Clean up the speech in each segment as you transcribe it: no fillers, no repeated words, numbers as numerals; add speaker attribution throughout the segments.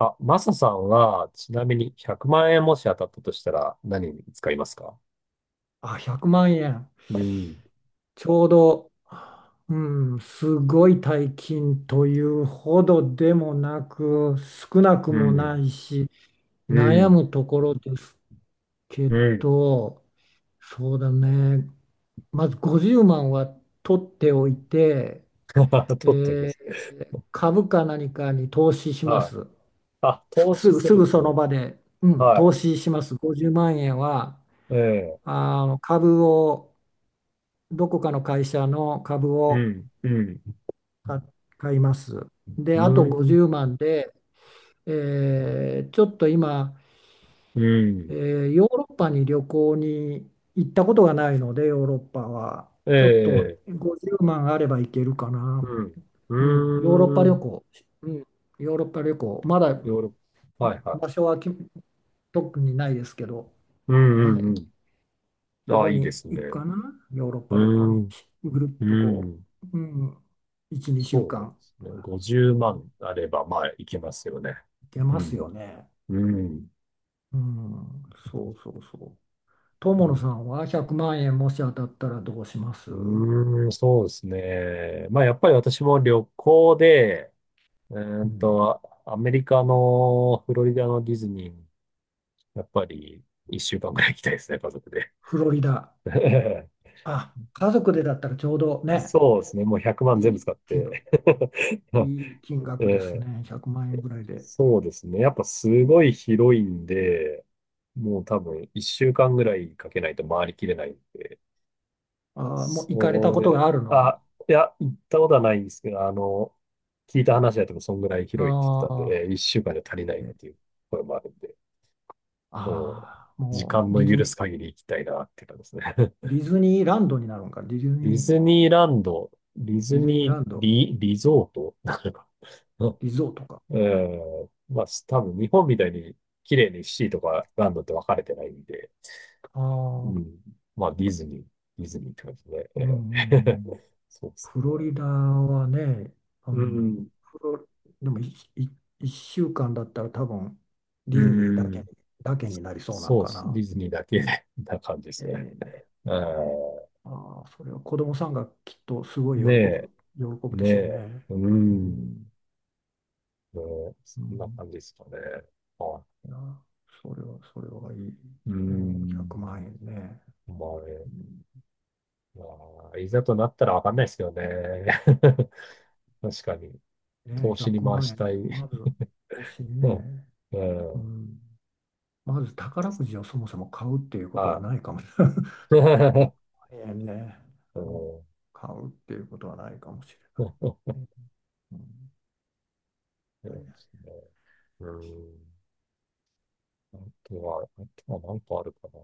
Speaker 1: あ、マサさんは、ちなみに100万円もし当たったとしたら何に使いますか？
Speaker 2: あ、100万円。
Speaker 1: うん、
Speaker 2: ちょうど、うん、すごい大金というほどでもなく、少なく
Speaker 1: う
Speaker 2: もな
Speaker 1: ん、
Speaker 2: いし、
Speaker 1: う
Speaker 2: 悩
Speaker 1: ん、
Speaker 2: むところですけ
Speaker 1: うん。
Speaker 2: ど、そうだね。まず50万は取っておいて、え
Speaker 1: 取っておきます。
Speaker 2: ー株か何かに投資しま
Speaker 1: はい。
Speaker 2: す。
Speaker 1: あ、
Speaker 2: す、
Speaker 1: 投資
Speaker 2: すぐ、
Speaker 1: す
Speaker 2: す
Speaker 1: るん
Speaker 2: ぐ
Speaker 1: です
Speaker 2: その
Speaker 1: よ。
Speaker 2: 場で、うん、投
Speaker 1: は
Speaker 2: 資します。50万円は、
Speaker 1: い。ええ、
Speaker 2: あの株を、どこかの会社の株
Speaker 1: う
Speaker 2: を
Speaker 1: ん、うん、
Speaker 2: か買います。で、
Speaker 1: う
Speaker 2: あと
Speaker 1: ん、
Speaker 2: 50万で、ちょっと今、
Speaker 1: う
Speaker 2: え
Speaker 1: ん、
Speaker 2: ーヨーロッパに旅行に行ったことがないので、ヨーロッパは。
Speaker 1: え
Speaker 2: ちょっと
Speaker 1: え、
Speaker 2: 50万あれば行けるかな。
Speaker 1: う
Speaker 2: うん、ヨーロッパ
Speaker 1: ん、うー
Speaker 2: 旅
Speaker 1: ん、
Speaker 2: 行。うん、ヨーロッパ旅行。まだ
Speaker 1: ヨーロッパ。はい、は
Speaker 2: 場
Speaker 1: い。
Speaker 2: 所は特にないですけど、
Speaker 1: うん、う
Speaker 2: は
Speaker 1: ん、
Speaker 2: い、
Speaker 1: うん。
Speaker 2: そ
Speaker 1: あ、
Speaker 2: こ
Speaker 1: いいで
Speaker 2: に
Speaker 1: すね。
Speaker 2: 行くかな。ヨーロッ
Speaker 1: う
Speaker 2: パ旅行に。
Speaker 1: ん、
Speaker 2: ぐるっ
Speaker 1: う
Speaker 2: とこ
Speaker 1: ん。
Speaker 2: う、うん、1、2週
Speaker 1: そうで
Speaker 2: 間、
Speaker 1: すね。
Speaker 2: う
Speaker 1: 50
Speaker 2: ん、
Speaker 1: 万あれば、まあ、いけますよね。
Speaker 2: 行け
Speaker 1: う
Speaker 2: ますよ
Speaker 1: ん、
Speaker 2: ね。
Speaker 1: うん。
Speaker 2: うん、そうそうそう。
Speaker 1: う
Speaker 2: 友野
Speaker 1: ん、
Speaker 2: さんは100万円もし当たったらどうします？う
Speaker 1: うーん、そうですね。まあ、やっぱり私も旅行で、
Speaker 2: ん、
Speaker 1: アメリカのフロリダのディズニーに、やっぱり一週間ぐらい行きたいですね、家族で。
Speaker 2: フロリダ。あ、家族でだったらちょうどね、
Speaker 1: そうですね。もう100万全
Speaker 2: い
Speaker 1: 部
Speaker 2: い
Speaker 1: 使っ
Speaker 2: 金額、
Speaker 1: て。
Speaker 2: いい金額です
Speaker 1: ええ、
Speaker 2: ね。100万円ぐらいで。
Speaker 1: そうですね。やっぱすごい広いんで、もう多分一週間ぐらいかけないと回りきれないんで。
Speaker 2: あー、もう行かれた
Speaker 1: そ
Speaker 2: こと
Speaker 1: れ、
Speaker 2: があるの？
Speaker 1: あ、いや、行ったことはないんですけど、あの、聞いた話だとそんぐらい広いって言って
Speaker 2: あ
Speaker 1: たん
Speaker 2: あ、
Speaker 1: で、一週間じゃ足り
Speaker 2: え
Speaker 1: ないっ
Speaker 2: ー
Speaker 1: ていう声もあるんで、そ
Speaker 2: ああ、
Speaker 1: う、時
Speaker 2: も
Speaker 1: 間
Speaker 2: うデ
Speaker 1: の
Speaker 2: ィズ
Speaker 1: 許
Speaker 2: ニー、
Speaker 1: す限り行きたいなって感じですね。
Speaker 2: デ ィズニーランドになるんか。ディズ
Speaker 1: ディ
Speaker 2: ニー、
Speaker 1: ズニーランド、ディズ
Speaker 2: ディズニー
Speaker 1: ニ
Speaker 2: ラ
Speaker 1: ー
Speaker 2: ンド、
Speaker 1: リ、リゾートなのかな。
Speaker 2: リゾートか。
Speaker 1: うん、まあ、多分日本みたいに綺麗にシーとかランドって分かれてないんで、
Speaker 2: あ
Speaker 1: う
Speaker 2: あ、
Speaker 1: ん、まあ、ディズニーって感じで、
Speaker 2: うんうんう
Speaker 1: えー
Speaker 2: ん。
Speaker 1: そうです
Speaker 2: フロ
Speaker 1: ね。
Speaker 2: リダはね、う
Speaker 1: う
Speaker 2: ん、
Speaker 1: ん。
Speaker 2: フロでも1週間だったら多分
Speaker 1: う
Speaker 2: デ
Speaker 1: ー
Speaker 2: ィズニーだけに、
Speaker 1: ん。
Speaker 2: だけになりそうなの
Speaker 1: そうっ
Speaker 2: か
Speaker 1: す。デ
Speaker 2: な。
Speaker 1: ィズニーだけで な感じですね。
Speaker 2: ね
Speaker 1: う
Speaker 2: えー、まあー、それは子供さんがきっとすごい
Speaker 1: ん。ねえ、
Speaker 2: 喜ぶで
Speaker 1: ね
Speaker 2: しょう
Speaker 1: え。
Speaker 2: ね。
Speaker 1: うー
Speaker 2: う
Speaker 1: ん。
Speaker 2: ん、
Speaker 1: ねえ、そ
Speaker 2: う
Speaker 1: んな
Speaker 2: ん、
Speaker 1: 感じですかね。は
Speaker 2: いや、それはいい。
Speaker 1: い。うー
Speaker 2: もう
Speaker 1: ん。
Speaker 2: 100万円ね。
Speaker 1: まあね、
Speaker 2: うん、
Speaker 1: まあ、いざとなったらわかんないですよね。確かに。
Speaker 2: ね、
Speaker 1: 投資に
Speaker 2: 100
Speaker 1: 回
Speaker 2: 万
Speaker 1: し
Speaker 2: 円、
Speaker 1: たい。
Speaker 2: まず欲しい
Speaker 1: うん。
Speaker 2: ね。
Speaker 1: う
Speaker 2: う
Speaker 1: ん。
Speaker 2: ん、まず宝くじをそもそも買うっていうことは
Speaker 1: は
Speaker 2: ないかもしれない。
Speaker 1: い。
Speaker 2: ええね。
Speaker 1: うん。
Speaker 2: うん、買うっていうことはないかもしれない。
Speaker 1: そ
Speaker 2: うん、
Speaker 1: う
Speaker 2: い
Speaker 1: で
Speaker 2: やいや、
Speaker 1: すね。うん。ああとは何個あるかな。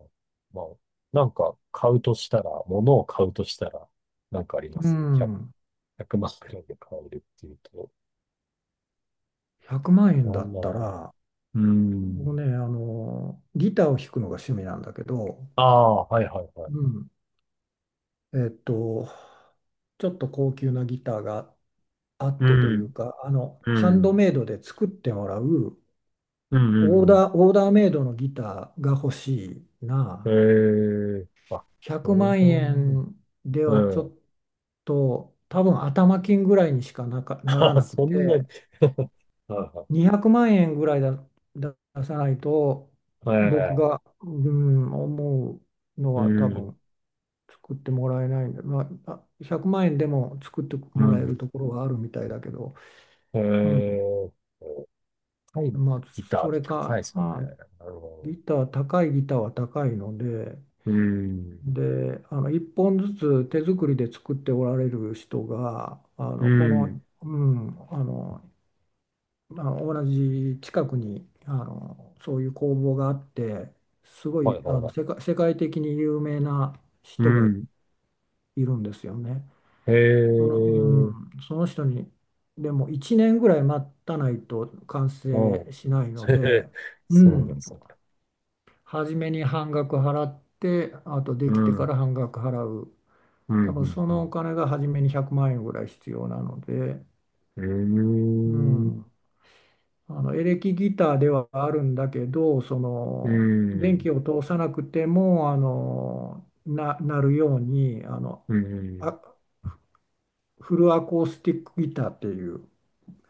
Speaker 1: まあ、なんか買うとしたら、物を買うとしたら、なんかありま
Speaker 2: う
Speaker 1: す？ 100、
Speaker 2: ん、
Speaker 1: まんくらいで買えるっていうと、
Speaker 2: 100万
Speaker 1: な
Speaker 2: 円だ
Speaker 1: ん
Speaker 2: っ
Speaker 1: だ
Speaker 2: た
Speaker 1: ろ
Speaker 2: ら、
Speaker 1: う。う
Speaker 2: 僕
Speaker 1: ん。
Speaker 2: ね、あの、ギターを弾くのが趣味なんだけど、
Speaker 1: ああ、はいはいはい。
Speaker 2: うん、えっと、ちょっと高級なギターがあっ
Speaker 1: う
Speaker 2: てという
Speaker 1: ん、
Speaker 2: か、あの、
Speaker 1: う
Speaker 2: ハンド
Speaker 1: ん、
Speaker 2: メイドで作ってもらう、
Speaker 1: うん、うん
Speaker 2: オーダーメイドのギターが欲しい
Speaker 1: う
Speaker 2: な。
Speaker 1: ん。ええー、あ、
Speaker 2: 100
Speaker 1: そう
Speaker 2: 万
Speaker 1: だね。
Speaker 2: 円で
Speaker 1: う
Speaker 2: はちょ
Speaker 1: ん。
Speaker 2: っと多分頭金ぐらいにしかなら
Speaker 1: あ、
Speaker 2: なく
Speaker 1: そんな
Speaker 2: て、
Speaker 1: に は
Speaker 2: 200万円ぐらいだ出さないと
Speaker 1: いはい。
Speaker 2: 僕
Speaker 1: ええ、
Speaker 2: が、うん、思うの
Speaker 1: う
Speaker 2: は多
Speaker 1: ん、
Speaker 2: 分作ってもらえないんで、まあ、あ、100万円でも作って
Speaker 1: う
Speaker 2: もらえる
Speaker 1: ん。
Speaker 2: ところがあるみたいだけど、うん、
Speaker 1: ええ、高い
Speaker 2: まあ、
Speaker 1: ギターっ
Speaker 2: そ
Speaker 1: て
Speaker 2: れ
Speaker 1: 高いで
Speaker 2: か、
Speaker 1: すよね。
Speaker 2: あ、
Speaker 1: なるほど。
Speaker 2: ギター高いギターは高いので。
Speaker 1: うん。
Speaker 2: で、あの、1本ずつ手作りで作っておられる人があ
Speaker 1: う
Speaker 2: の、この、
Speaker 1: ん。
Speaker 2: うん、あの同じ近くにあのそういう工房があってすご
Speaker 1: はい
Speaker 2: いあ
Speaker 1: はい
Speaker 2: の
Speaker 1: はい。
Speaker 2: 世界的に有名な
Speaker 1: う
Speaker 2: 人がい
Speaker 1: ん。
Speaker 2: るんですよね。
Speaker 1: へ
Speaker 2: その、う
Speaker 1: え。
Speaker 2: ん、その人にでも1年ぐらい待たないと完
Speaker 1: あ
Speaker 2: 成しない
Speaker 1: あ。
Speaker 2: の
Speaker 1: へへ、
Speaker 2: で、う
Speaker 1: そうなんで
Speaker 2: ん、
Speaker 1: すよ。
Speaker 2: 初めに半額払って、あとで
Speaker 1: う
Speaker 2: きてか
Speaker 1: ん。
Speaker 2: ら半額払う。
Speaker 1: うん。
Speaker 2: 多分そ
Speaker 1: う
Speaker 2: のお
Speaker 1: ん。
Speaker 2: 金が初めに100万円ぐらい必要なので、
Speaker 1: う
Speaker 2: う
Speaker 1: ん。
Speaker 2: ん、あの、エレキギターではあるんだけど、そ
Speaker 1: う
Speaker 2: の電
Speaker 1: ん。
Speaker 2: 気を通さなくてもなるようにあの、
Speaker 1: う
Speaker 2: あ
Speaker 1: ん。
Speaker 2: フルアコースティックギターっていう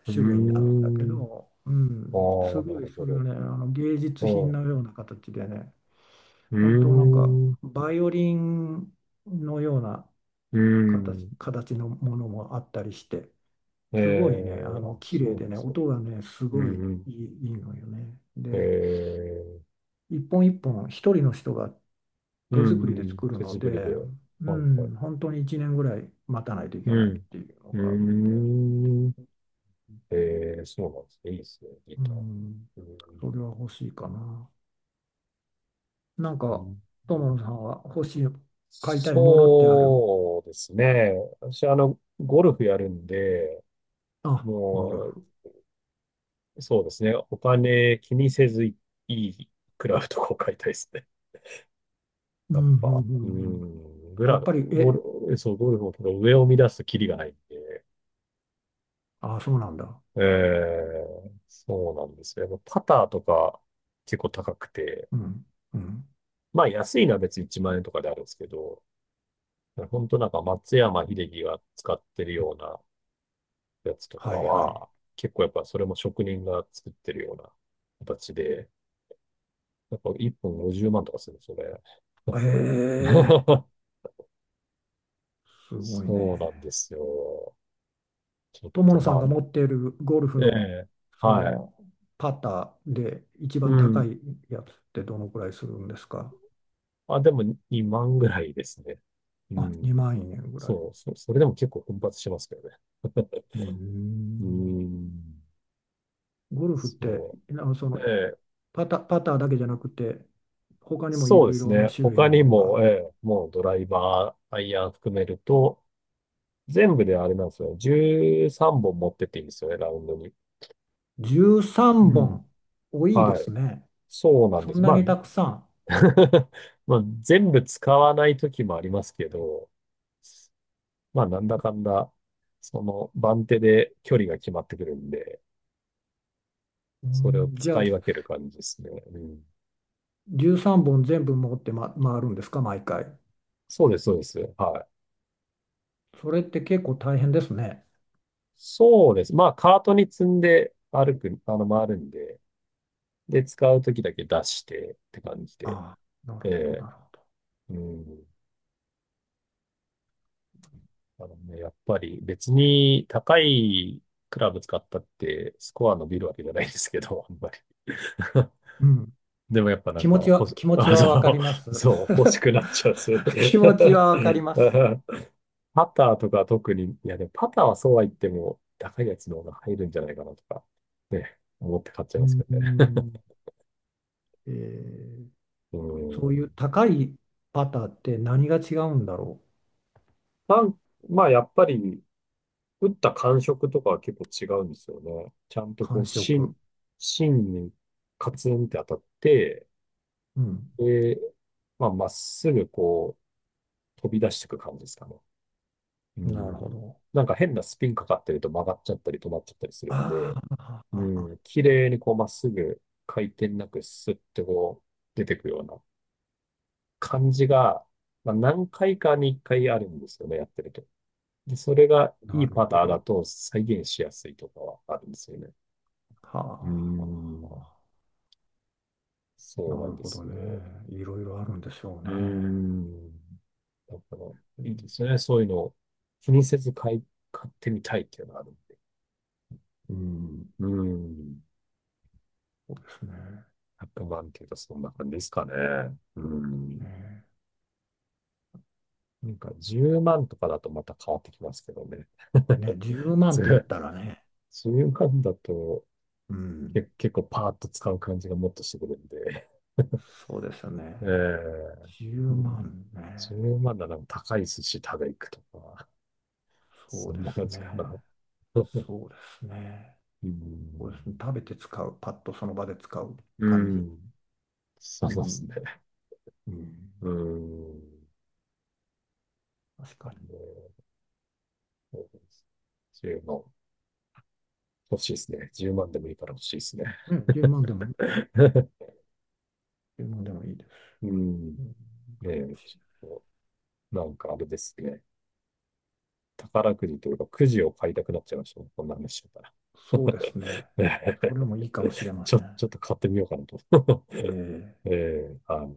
Speaker 1: う
Speaker 2: 種類になるんだけ
Speaker 1: ん。
Speaker 2: ど、う
Speaker 1: ああ、
Speaker 2: ん、す
Speaker 1: な
Speaker 2: ごい
Speaker 1: る
Speaker 2: それ
Speaker 1: ほ
Speaker 2: がね、あの、芸術品
Speaker 1: ど。
Speaker 2: の
Speaker 1: あ
Speaker 2: ような形でね、
Speaker 1: あ、う
Speaker 2: 本当なんか
Speaker 1: ん。
Speaker 2: バイオリンのような
Speaker 1: うん。
Speaker 2: 形のものもあったりして。
Speaker 1: え
Speaker 2: すごいね、あ
Speaker 1: え。
Speaker 2: の、
Speaker 1: あ、
Speaker 2: 綺
Speaker 1: そ
Speaker 2: 麗
Speaker 1: うな
Speaker 2: で
Speaker 1: んで
Speaker 2: ね、
Speaker 1: すよ。
Speaker 2: 音がね、す
Speaker 1: う
Speaker 2: ごい
Speaker 1: ん。うん。
Speaker 2: いい、いいのよね。
Speaker 1: え
Speaker 2: で、
Speaker 1: ー、
Speaker 2: 一本一本、一人の人が
Speaker 1: う
Speaker 2: 手作
Speaker 1: ん。う
Speaker 2: りで
Speaker 1: ん。
Speaker 2: 作る
Speaker 1: 手
Speaker 2: の
Speaker 1: 作り
Speaker 2: で、
Speaker 1: で。
Speaker 2: う
Speaker 1: はいはい。
Speaker 2: ん、本当に1年ぐらい待たないとい
Speaker 1: う
Speaker 2: けないっ
Speaker 1: ん。
Speaker 2: ていうの
Speaker 1: う
Speaker 2: があるので、
Speaker 1: ーん。ええ、そうなんですね。いいですね、ギ
Speaker 2: う
Speaker 1: ター。
Speaker 2: ん、それは欲しいかな。なん
Speaker 1: う
Speaker 2: か、
Speaker 1: ん、
Speaker 2: 友野さんは欲しい、買いたいものってある？
Speaker 1: そうですね。私、あの、ゴルフやるんで、
Speaker 2: あ、ゴル
Speaker 1: も
Speaker 2: フ。
Speaker 1: う、そうですね。お金気にせずいいクラブとかを買いたいですね。
Speaker 2: う
Speaker 1: やっ
Speaker 2: ん、うん、う
Speaker 1: ぱ、
Speaker 2: ん。
Speaker 1: う
Speaker 2: うん、
Speaker 1: ん、グ
Speaker 2: や
Speaker 1: ラ、
Speaker 2: っぱり、
Speaker 1: ゴ
Speaker 2: え、
Speaker 1: ル、そう、ゴルフもけど上を乱すとキリがないんで、
Speaker 2: あ、そうなんだ。
Speaker 1: ええ、そうなんですよ。やっぱパターとか結構高くて、
Speaker 2: うん、うん。
Speaker 1: まあ安いのは別に1万円とかであるんですけど、本当なんか松山英樹が使ってるようなやつとか
Speaker 2: はい、はい。
Speaker 1: は、結構やっぱそれも職人が作ってるような形で、やっぱ1本50万とかするんれす
Speaker 2: ええ、 すごい
Speaker 1: そう
Speaker 2: ね。
Speaker 1: なんですよ。ちょっ
Speaker 2: 友
Speaker 1: と
Speaker 2: 野
Speaker 1: ま
Speaker 2: さん
Speaker 1: あ、
Speaker 2: が持っているゴルフ
Speaker 1: え
Speaker 2: の
Speaker 1: え、
Speaker 2: そ
Speaker 1: はい。
Speaker 2: のパターで一
Speaker 1: う
Speaker 2: 番高
Speaker 1: ん。
Speaker 2: いやつってどのくらいするんですか？
Speaker 1: あ、でも2万ぐらいですね。う
Speaker 2: あ、
Speaker 1: ん。
Speaker 2: 2万円ぐらい。
Speaker 1: そう、それでも結構奮発しますけどね。
Speaker 2: うー
Speaker 1: う
Speaker 2: ん、
Speaker 1: ん。
Speaker 2: ゴルフって
Speaker 1: そ
Speaker 2: その
Speaker 1: う。ええ、
Speaker 2: パターだけじゃなくて他にもい
Speaker 1: そう
Speaker 2: ろ
Speaker 1: で
Speaker 2: い
Speaker 1: す
Speaker 2: ろな
Speaker 1: ね。
Speaker 2: 種類
Speaker 1: 他
Speaker 2: の
Speaker 1: に
Speaker 2: もの
Speaker 1: も、
Speaker 2: が。
Speaker 1: ええ、もうドライバー、アイアン含めると、全部であれなんですよ。13本持ってっていいんですよね、ラウンドに。
Speaker 2: 13
Speaker 1: うん。
Speaker 2: 本多いで
Speaker 1: は
Speaker 2: す
Speaker 1: い。
Speaker 2: ね。
Speaker 1: そうなん
Speaker 2: そ
Speaker 1: で
Speaker 2: ん
Speaker 1: す。
Speaker 2: な
Speaker 1: ま
Speaker 2: に
Speaker 1: あ、
Speaker 2: たくさん。
Speaker 1: まあ、全部使わない時もありますけど、まあ、なんだかんだ、その番手で距離が決まってくるんで、
Speaker 2: う
Speaker 1: それを
Speaker 2: ーん、じゃ
Speaker 1: 使
Speaker 2: あ
Speaker 1: い分ける感じですね。うん。
Speaker 2: 13本全部持って、ま、回るんですか毎回。
Speaker 1: そうです、そうです。はい。
Speaker 2: それって結構大変ですね。
Speaker 1: そうです。まあ、カートに積んで歩く、あの、回るんで、で、使うときだけ出してって感じで。
Speaker 2: ああ、なる
Speaker 1: え
Speaker 2: ほど、
Speaker 1: え、
Speaker 2: なるほど。
Speaker 1: うん。あのね、やっぱり別に高いクラブ使ったってスコア伸びるわけじゃないですけど、あんまり。
Speaker 2: うん、
Speaker 1: でもやっぱなんか、ほし、
Speaker 2: 気持ち
Speaker 1: あ、
Speaker 2: はわか
Speaker 1: そ
Speaker 2: ります。
Speaker 1: う、そう、欲しくなっちゃうんですよね。
Speaker 2: 気持ち はわかります。
Speaker 1: パターとか特に、いやでもパターはそうは言っても高いやつの方が入るんじゃないかなとか、ね、思って買っちゃい
Speaker 2: う
Speaker 1: ますけ
Speaker 2: ー
Speaker 1: どね。
Speaker 2: ん、えー
Speaker 1: う
Speaker 2: そういう
Speaker 1: ん。
Speaker 2: 高いパターって何が違うんだろう。
Speaker 1: なん、まあやっぱり、打った感触とかは結構違うんですよね。ちゃんとこ
Speaker 2: 感
Speaker 1: う、
Speaker 2: 触。
Speaker 1: 芯にカツンって当たって、
Speaker 2: うん、
Speaker 1: で、まあ、まっすぐこう、飛び出していく感じですかね。う
Speaker 2: なるほ
Speaker 1: ん。
Speaker 2: ど。
Speaker 1: なんか変なスピンかかってると曲がっちゃったり止まっちゃったりするん
Speaker 2: あ
Speaker 1: で、う
Speaker 2: あ、
Speaker 1: ん。綺麗にこう、まっすぐ回転なくスッてこう、出てくような感じが、まあ、何回かに1回あるんですよね、やってると。で、それがい
Speaker 2: な
Speaker 1: い
Speaker 2: る
Speaker 1: パタ
Speaker 2: ほ
Speaker 1: ーだ
Speaker 2: ど。
Speaker 1: と再現しやすいとかはあるんですよね。
Speaker 2: は
Speaker 1: うー
Speaker 2: あ、はあ、
Speaker 1: ん、
Speaker 2: はあ、
Speaker 1: そう
Speaker 2: な
Speaker 1: な
Speaker 2: る
Speaker 1: んで
Speaker 2: ほ
Speaker 1: す
Speaker 2: どね。
Speaker 1: よ。
Speaker 2: いろいろあるんでしょう
Speaker 1: う
Speaker 2: ね。
Speaker 1: ーん、だから
Speaker 2: う
Speaker 1: いいで
Speaker 2: ん、
Speaker 1: すね。そういうのを気にせず買ってみたいっていうのがあるんで。
Speaker 2: うん、
Speaker 1: うーん、
Speaker 2: そうですね。
Speaker 1: 100万っていうとそんな感じですかね。うーん、
Speaker 2: ね、
Speaker 1: なんか10万とかだとまた変わってきますけどね。
Speaker 2: ね、10万
Speaker 1: そ
Speaker 2: って言っ
Speaker 1: れ、
Speaker 2: たらね。
Speaker 1: 10万だと
Speaker 2: うん、
Speaker 1: 結構パーッと使う感じがもっとしてくるんで。
Speaker 2: そうですね。
Speaker 1: ええ、う
Speaker 2: 10
Speaker 1: ん、
Speaker 2: 万ね。
Speaker 1: 10万だなら高い寿司食べ行くとか、
Speaker 2: そ
Speaker 1: そ
Speaker 2: うで
Speaker 1: んな感
Speaker 2: す
Speaker 1: じか
Speaker 2: ね。
Speaker 1: な。そう、
Speaker 2: そうですね。
Speaker 1: う
Speaker 2: そうで
Speaker 1: ん。
Speaker 2: すね。食べて使う。パッとその場で使う
Speaker 1: う
Speaker 2: 感じ。
Speaker 1: ん。そ
Speaker 2: う
Speaker 1: うです
Speaker 2: ん。
Speaker 1: ね。
Speaker 2: うん。
Speaker 1: うん。
Speaker 2: 確
Speaker 1: あ
Speaker 2: か
Speaker 1: の、10万。欲しいですね。10万でもいいから欲しいですね。
Speaker 2: に。ね、10万でもね、1万でもいいです。
Speaker 1: うん。
Speaker 2: うん、
Speaker 1: ねえ、ちょっと、なんかあれですね。宝くじというか、くじを買いたくなっちゃいましたねこんな話してたら。
Speaker 2: そうで すね。
Speaker 1: ね
Speaker 2: そ
Speaker 1: え、
Speaker 2: れもいいかもしれません。
Speaker 1: ちょっと買ってみようかなと。
Speaker 2: え
Speaker 1: え
Speaker 2: え。
Speaker 1: え、はい。